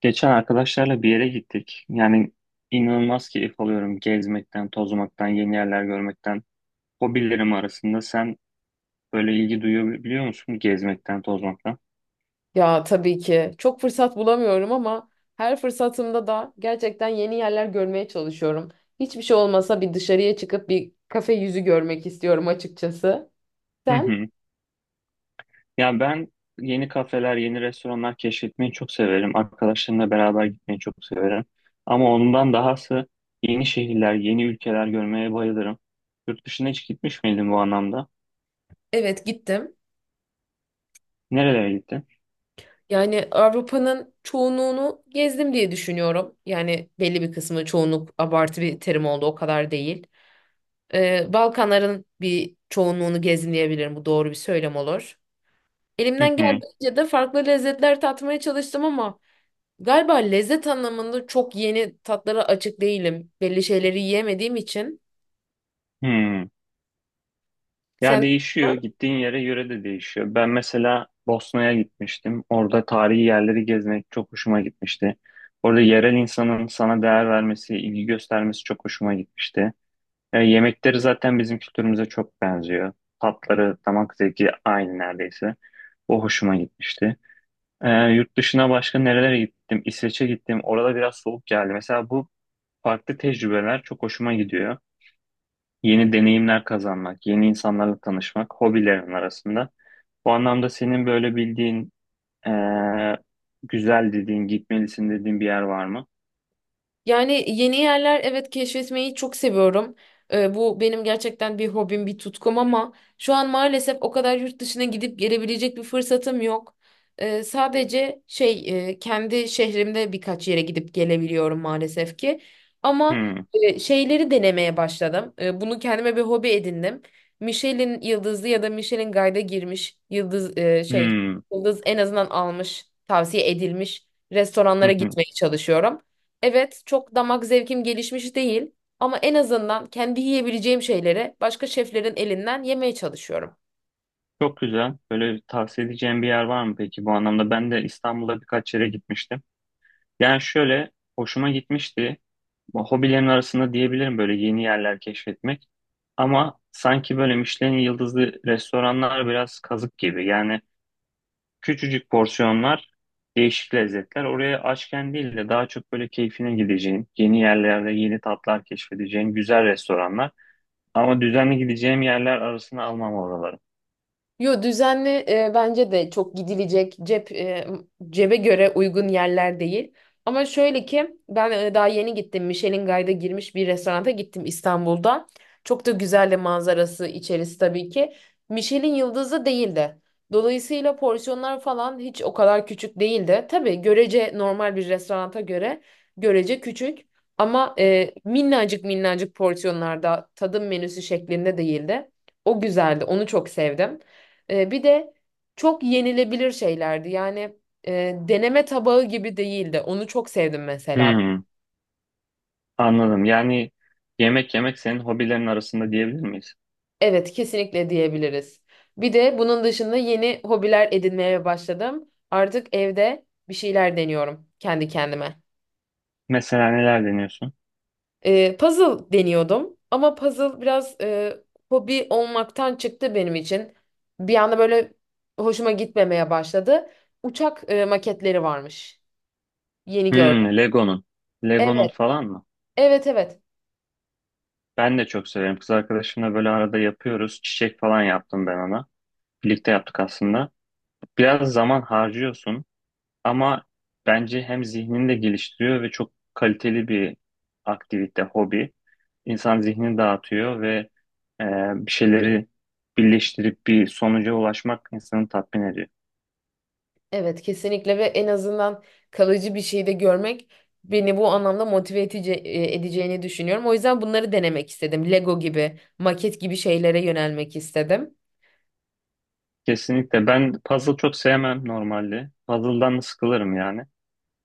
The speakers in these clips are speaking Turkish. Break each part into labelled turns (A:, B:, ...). A: Geçen arkadaşlarla bir yere gittik. Yani inanılmaz keyif alıyorum gezmekten, tozmaktan, yeni yerler görmekten. Hobilerim arasında sen böyle ilgi duyabiliyor musun gezmekten, tozmaktan?
B: Ya tabii ki çok fırsat bulamıyorum ama her fırsatımda da gerçekten yeni yerler görmeye çalışıyorum. Hiçbir şey olmasa bir dışarıya çıkıp bir kafe yüzü görmek istiyorum açıkçası.
A: Hı
B: Sen?
A: hı. Ya ben yeni kafeler, yeni restoranlar keşfetmeyi çok severim. Arkadaşlarımla beraber gitmeyi çok severim. Ama ondan dahası yeni şehirler, yeni ülkeler görmeye bayılırım. Yurt dışına hiç gitmiş miydin bu anlamda?
B: Evet, gittim.
A: Nerelere gittin?
B: Yani Avrupa'nın çoğunluğunu gezdim diye düşünüyorum. Yani belli bir kısmı, çoğunluk abartı bir terim oldu, o kadar değil. Balkanların bir çoğunluğunu gezdim diyebilirim, bu doğru bir söylem olur.
A: Hı
B: Elimden
A: hı.
B: geldiğince de farklı lezzetler tatmaya çalıştım ama galiba lezzet anlamında çok yeni tatlara açık değilim. Belli şeyleri yiyemediğim için.
A: Hı. Ya
B: Sen...
A: değişiyor. Gittiğin yere göre de değişiyor. Ben mesela Bosna'ya gitmiştim. Orada tarihi yerleri gezmek çok hoşuma gitmişti. Orada yerel insanın sana değer vermesi, ilgi göstermesi çok hoşuma gitmişti. E, yemekleri zaten bizim kültürümüze çok benziyor. Tatları, damak zevki aynı neredeyse. O hoşuma gitmişti. E, yurt dışına başka nerelere gittim? İsveç'e gittim. Orada biraz soğuk geldi. Mesela bu farklı tecrübeler çok hoşuma gidiyor, yeni deneyimler kazanmak, yeni insanlarla tanışmak hobilerin arasında. Bu anlamda senin böyle bildiğin, eee, güzel dediğin, gitmelisin dediğin bir yer var mı?
B: Yani yeni yerler, evet, keşfetmeyi çok seviyorum. Bu benim gerçekten bir hobim, bir tutkum ama şu an maalesef o kadar yurt dışına gidip gelebilecek bir fırsatım yok. Sadece kendi şehrimde birkaç yere gidip gelebiliyorum maalesef ki. Ama
A: Hmm,
B: şeyleri denemeye başladım. Bunu kendime bir hobi edindim. Michelin yıldızlı ya da Michelin Guide'a girmiş yıldız
A: hmm,
B: yıldız en azından almış, tavsiye edilmiş
A: hı
B: restoranlara
A: hı.
B: gitmeye çalışıyorum. Evet, çok damak zevkim gelişmiş değil ama en azından kendi yiyebileceğim şeyleri başka şeflerin elinden yemeye çalışıyorum.
A: Çok güzel. Böyle tavsiye edeceğim bir yer var mı peki bu anlamda? Ben de İstanbul'a birkaç yere gitmiştim. Yani şöyle, hoşuma gitmişti. Bu hobilerin arasında diyebilirim böyle yeni yerler keşfetmek. Ama sanki böyle Michelin yıldızlı restoranlar biraz kazık gibi. Yani küçücük porsiyonlar, değişik lezzetler. Oraya açken değil de daha çok böyle keyfine gideceğin, yeni yerlerde yeni tatlar keşfedeceğin güzel restoranlar. Ama düzenli gideceğim yerler arasına almam oraları.
B: Yo, düzenli bence de çok gidilecek cebe göre uygun yerler değil. Ama şöyle ki ben daha yeni gittim. Michelin Guide'a girmiş bir restoranta gittim İstanbul'da. Çok da güzel de manzarası, içerisi tabii ki. Michelin yıldızı değildi. Dolayısıyla porsiyonlar falan hiç o kadar küçük değildi. Tabii görece normal bir restoranta göre görece küçük ama minnacık minnacık porsiyonlarda tadım menüsü şeklinde değildi. O güzeldi. Onu çok sevdim. Bir de çok yenilebilir şeylerdi. Yani deneme tabağı gibi değildi. Onu çok sevdim mesela.
A: Hmm, anladım. Yani yemek yemek senin hobilerin arasında diyebilir miyiz?
B: Evet, kesinlikle diyebiliriz. Bir de bunun dışında yeni hobiler edinmeye başladım. Artık evde bir şeyler deniyorum kendi kendime.
A: Mesela neler deniyorsun?
B: Puzzle deniyordum ama puzzle biraz hobi olmaktan çıktı benim için. Bir anda böyle hoşuma gitmemeye başladı. Uçak maketleri varmış. Yeni gördüm.
A: Hmm, Lego'nun. Lego'nun
B: Evet,
A: falan mı?
B: evet, evet.
A: Ben de çok severim. Kız arkadaşımla böyle arada yapıyoruz. Çiçek falan yaptım ben ona. Birlikte yaptık aslında. Biraz zaman harcıyorsun. Ama bence hem zihnini de geliştiriyor ve çok kaliteli bir aktivite, hobi. İnsan zihnini dağıtıyor ve e, bir şeyleri birleştirip bir sonuca ulaşmak insanı tatmin ediyor.
B: Evet, kesinlikle ve en azından kalıcı bir şey de görmek beni bu anlamda motive edici, edeceğini düşünüyorum. O yüzden bunları denemek istedim. Lego gibi, maket gibi şeylere yönelmek istedim.
A: Kesinlikle. Ben puzzle çok sevmem normalde. Puzzle'dan da sıkılırım yani.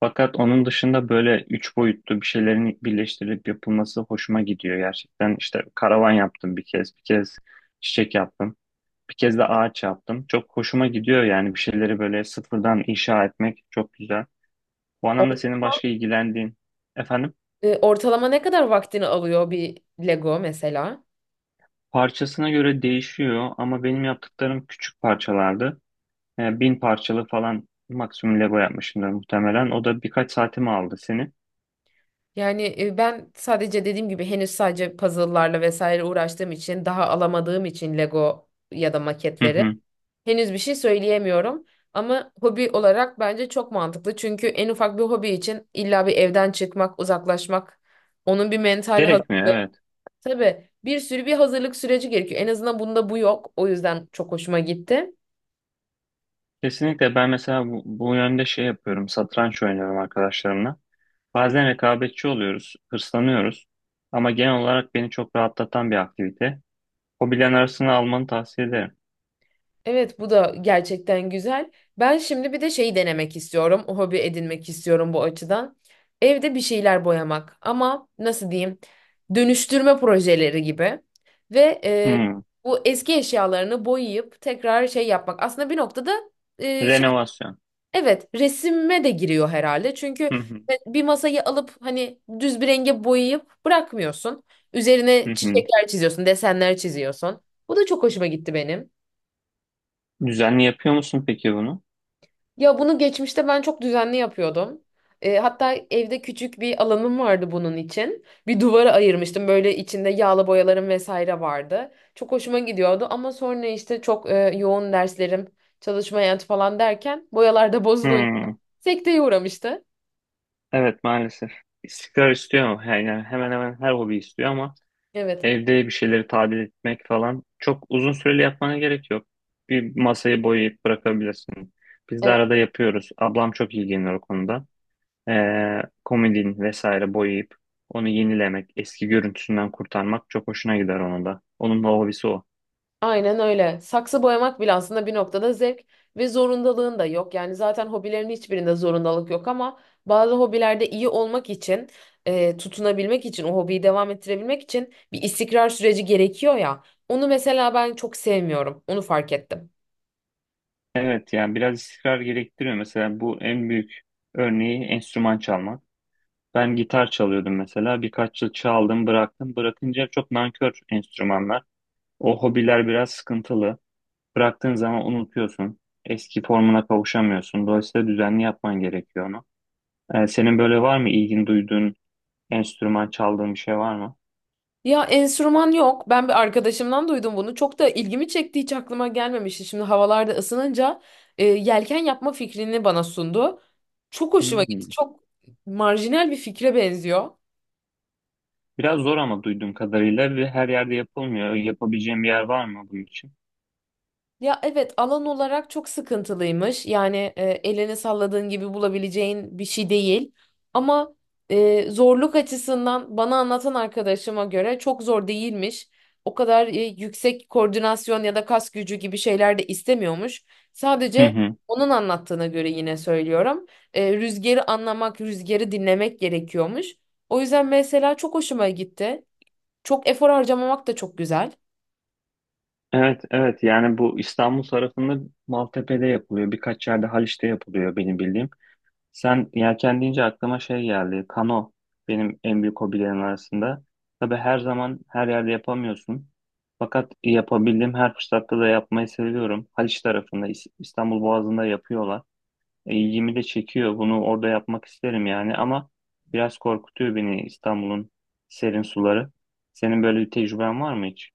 A: Fakat onun dışında böyle üç boyutlu bir şeylerin birleştirilip yapılması hoşuma gidiyor gerçekten. İşte karavan yaptım bir kez, bir kez çiçek yaptım. Bir kez de ağaç yaptım. Çok hoşuma gidiyor yani, bir şeyleri böyle sıfırdan inşa etmek çok güzel. Bu
B: O
A: anlamda senin
B: zaman
A: başka ilgilendiğin, efendim,
B: Ortalama ne kadar vaktini alıyor bir Lego mesela?
A: parçasına göre değişiyor ama benim yaptıklarım küçük parçalardı. Yani bin parçalı falan maksimum Lego yapmışımdır muhtemelen. O da birkaç saatimi aldı seni.
B: Yani ben sadece dediğim gibi henüz sadece puzzle'larla vesaire uğraştığım için, daha alamadığım için Lego ya da
A: Hı
B: maketleri
A: hı.
B: henüz bir şey söyleyemiyorum. Ama hobi olarak bence çok mantıklı. Çünkü en ufak bir hobi için illa bir evden çıkmak, uzaklaşmak, onun bir mental
A: Gerekmiyor
B: hazırlığı,
A: evet.
B: tabii bir sürü bir hazırlık süreci gerekiyor. En azından bunda bu yok. O yüzden çok hoşuma gitti.
A: Kesinlikle ben mesela bu yönde şey yapıyorum. Satranç oynuyorum arkadaşlarımla. Bazen rekabetçi oluyoruz, hırslanıyoruz. Ama genel olarak beni çok rahatlatan bir aktivite. Hobilerin arasına almanı tavsiye ederim.
B: Evet, bu da gerçekten güzel. Ben şimdi bir de şeyi denemek istiyorum. O hobi edinmek istiyorum bu açıdan. Evde bir şeyler boyamak ama nasıl diyeyim? Dönüştürme projeleri gibi. Ve
A: Hmm.
B: bu eski eşyalarını boyayıp tekrar şey yapmak. Aslında bir noktada e, şey
A: Renovasyon.
B: evet, resime de giriyor herhalde. Çünkü
A: Hı hı.
B: bir masayı alıp hani düz bir renge boyayıp bırakmıyorsun. Üzerine
A: Hı hı.
B: çiçekler çiziyorsun, desenler çiziyorsun. Bu da çok hoşuma gitti benim.
A: Düzenli yapıyor musun peki bunu?
B: Ya bunu geçmişte ben çok düzenli yapıyordum. Hatta evde küçük bir alanım vardı bunun için. Bir duvara ayırmıştım. Böyle içinde yağlı boyalarım vesaire vardı. Çok hoşuma gidiyordu ama sonra işte çok yoğun derslerim, çalışma hayatı falan derken boyalar da bozulunca
A: Hmm.
B: sekteye uğramıştı.
A: Evet maalesef. İstikrar istiyor ama, yani hemen hemen her hobi istiyor ama
B: Evet.
A: evde bir şeyleri tadil etmek falan çok uzun süreli yapmana gerek yok. Bir masayı boyayıp bırakabilirsin. Biz de arada yapıyoruz. Ablam çok ilgileniyor o konuda. Komodin vesaire boyayıp onu yenilemek, eski görüntüsünden kurtarmak çok hoşuna gider onun da. Onun da hobisi o.
B: Aynen öyle. Saksı boyamak bile aslında bir noktada zevk ve zorundalığın da yok. Yani zaten hobilerin hiçbirinde zorundalık yok ama bazı hobilerde iyi olmak için, tutunabilmek için, o hobiyi devam ettirebilmek için bir istikrar süreci gerekiyor ya. Onu mesela ben çok sevmiyorum. Onu fark ettim.
A: Evet yani biraz istikrar gerektiriyor. Mesela bu en büyük örneği enstrüman çalmak. Ben gitar çalıyordum mesela. Birkaç yıl çaldım bıraktım. Bırakınca çok nankör enstrümanlar. O hobiler biraz sıkıntılı. Bıraktığın zaman unutuyorsun. Eski formuna kavuşamıyorsun. Dolayısıyla düzenli yapman gerekiyor onu. Senin böyle var mı ilgin duyduğun enstrüman çaldığın bir şey var mı?
B: Ya, enstrüman yok. Ben bir arkadaşımdan duydum bunu. Çok da ilgimi çekti. Hiç aklıma gelmemişti. Şimdi havalarda ısınınca yelken yapma fikrini bana sundu. Çok hoşuma gitti.
A: Hmm.
B: Çok marjinal bir fikre benziyor.
A: Biraz zor ama duyduğum kadarıyla, ve her yerde yapılmıyor. Yapabileceğim bir yer var mı bunun için?
B: Ya evet, alan olarak çok sıkıntılıymış. Yani elini salladığın gibi bulabileceğin bir şey değil. Ama zorluk açısından bana anlatan arkadaşıma göre çok zor değilmiş. O kadar yüksek koordinasyon ya da kas gücü gibi şeyler de istemiyormuş.
A: Hı
B: Sadece
A: hı.
B: onun anlattığına göre, yine söylüyorum, rüzgarı anlamak, rüzgarı dinlemek gerekiyormuş. O yüzden mesela çok hoşuma gitti. Çok efor harcamamak da çok güzel.
A: Evet, evet. Yani bu İstanbul tarafında Maltepe'de yapılıyor. Birkaç yerde Haliç'te yapılıyor benim bildiğim. Sen yelken deyince aklıma şey geldi. Kano benim en büyük hobilerim arasında. Tabii her zaman her yerde yapamıyorsun. Fakat yapabildiğim her fırsatta da yapmayı seviyorum. Haliç tarafında İstanbul Boğazı'nda yapıyorlar. E, ilgimi de çekiyor. Bunu orada yapmak isterim yani, ama biraz korkutuyor beni İstanbul'un serin suları. Senin böyle bir tecrüben var mı hiç?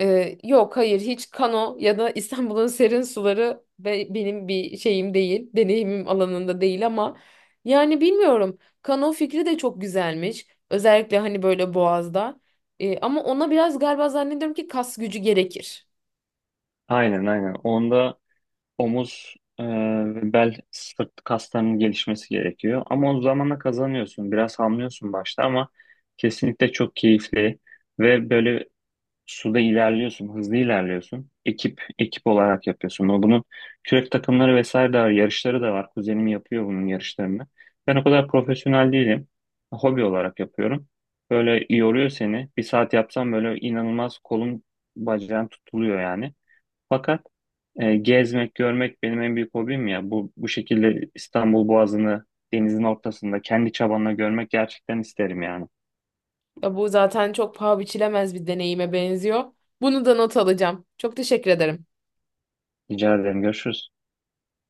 B: Yok, hayır, hiç kano ya da İstanbul'un serin suları benim bir şeyim değil. Deneyimim alanında değil ama yani bilmiyorum. Kano fikri de çok güzelmiş. Özellikle hani böyle Boğaz'da. Ama ona biraz galiba zannediyorum ki kas gücü gerekir.
A: Aynen aynen. Onda omuz ve bel sırt kaslarının gelişmesi gerekiyor. Ama o zamanla kazanıyorsun. Biraz hamlıyorsun başta ama kesinlikle çok keyifli ve böyle suda ilerliyorsun, hızlı ilerliyorsun. Ekip ekip olarak yapıyorsun. O bunun kürek takımları vesaire de var, yarışları da var. Kuzenim yapıyor bunun yarışlarını. Ben o kadar profesyonel değilim. Hobi olarak yapıyorum. Böyle yoruyor seni. Bir saat yapsam böyle inanılmaz kolun bacağın tutuluyor yani. Fakat gezmek, görmek benim en büyük hobim ya. bu şekilde İstanbul Boğazı'nı denizin ortasında kendi çabanla görmek gerçekten isterim yani.
B: Ya bu zaten çok paha biçilemez bir deneyime benziyor. Bunu da not alacağım. Çok teşekkür ederim.
A: Rica ederim. Görüşürüz.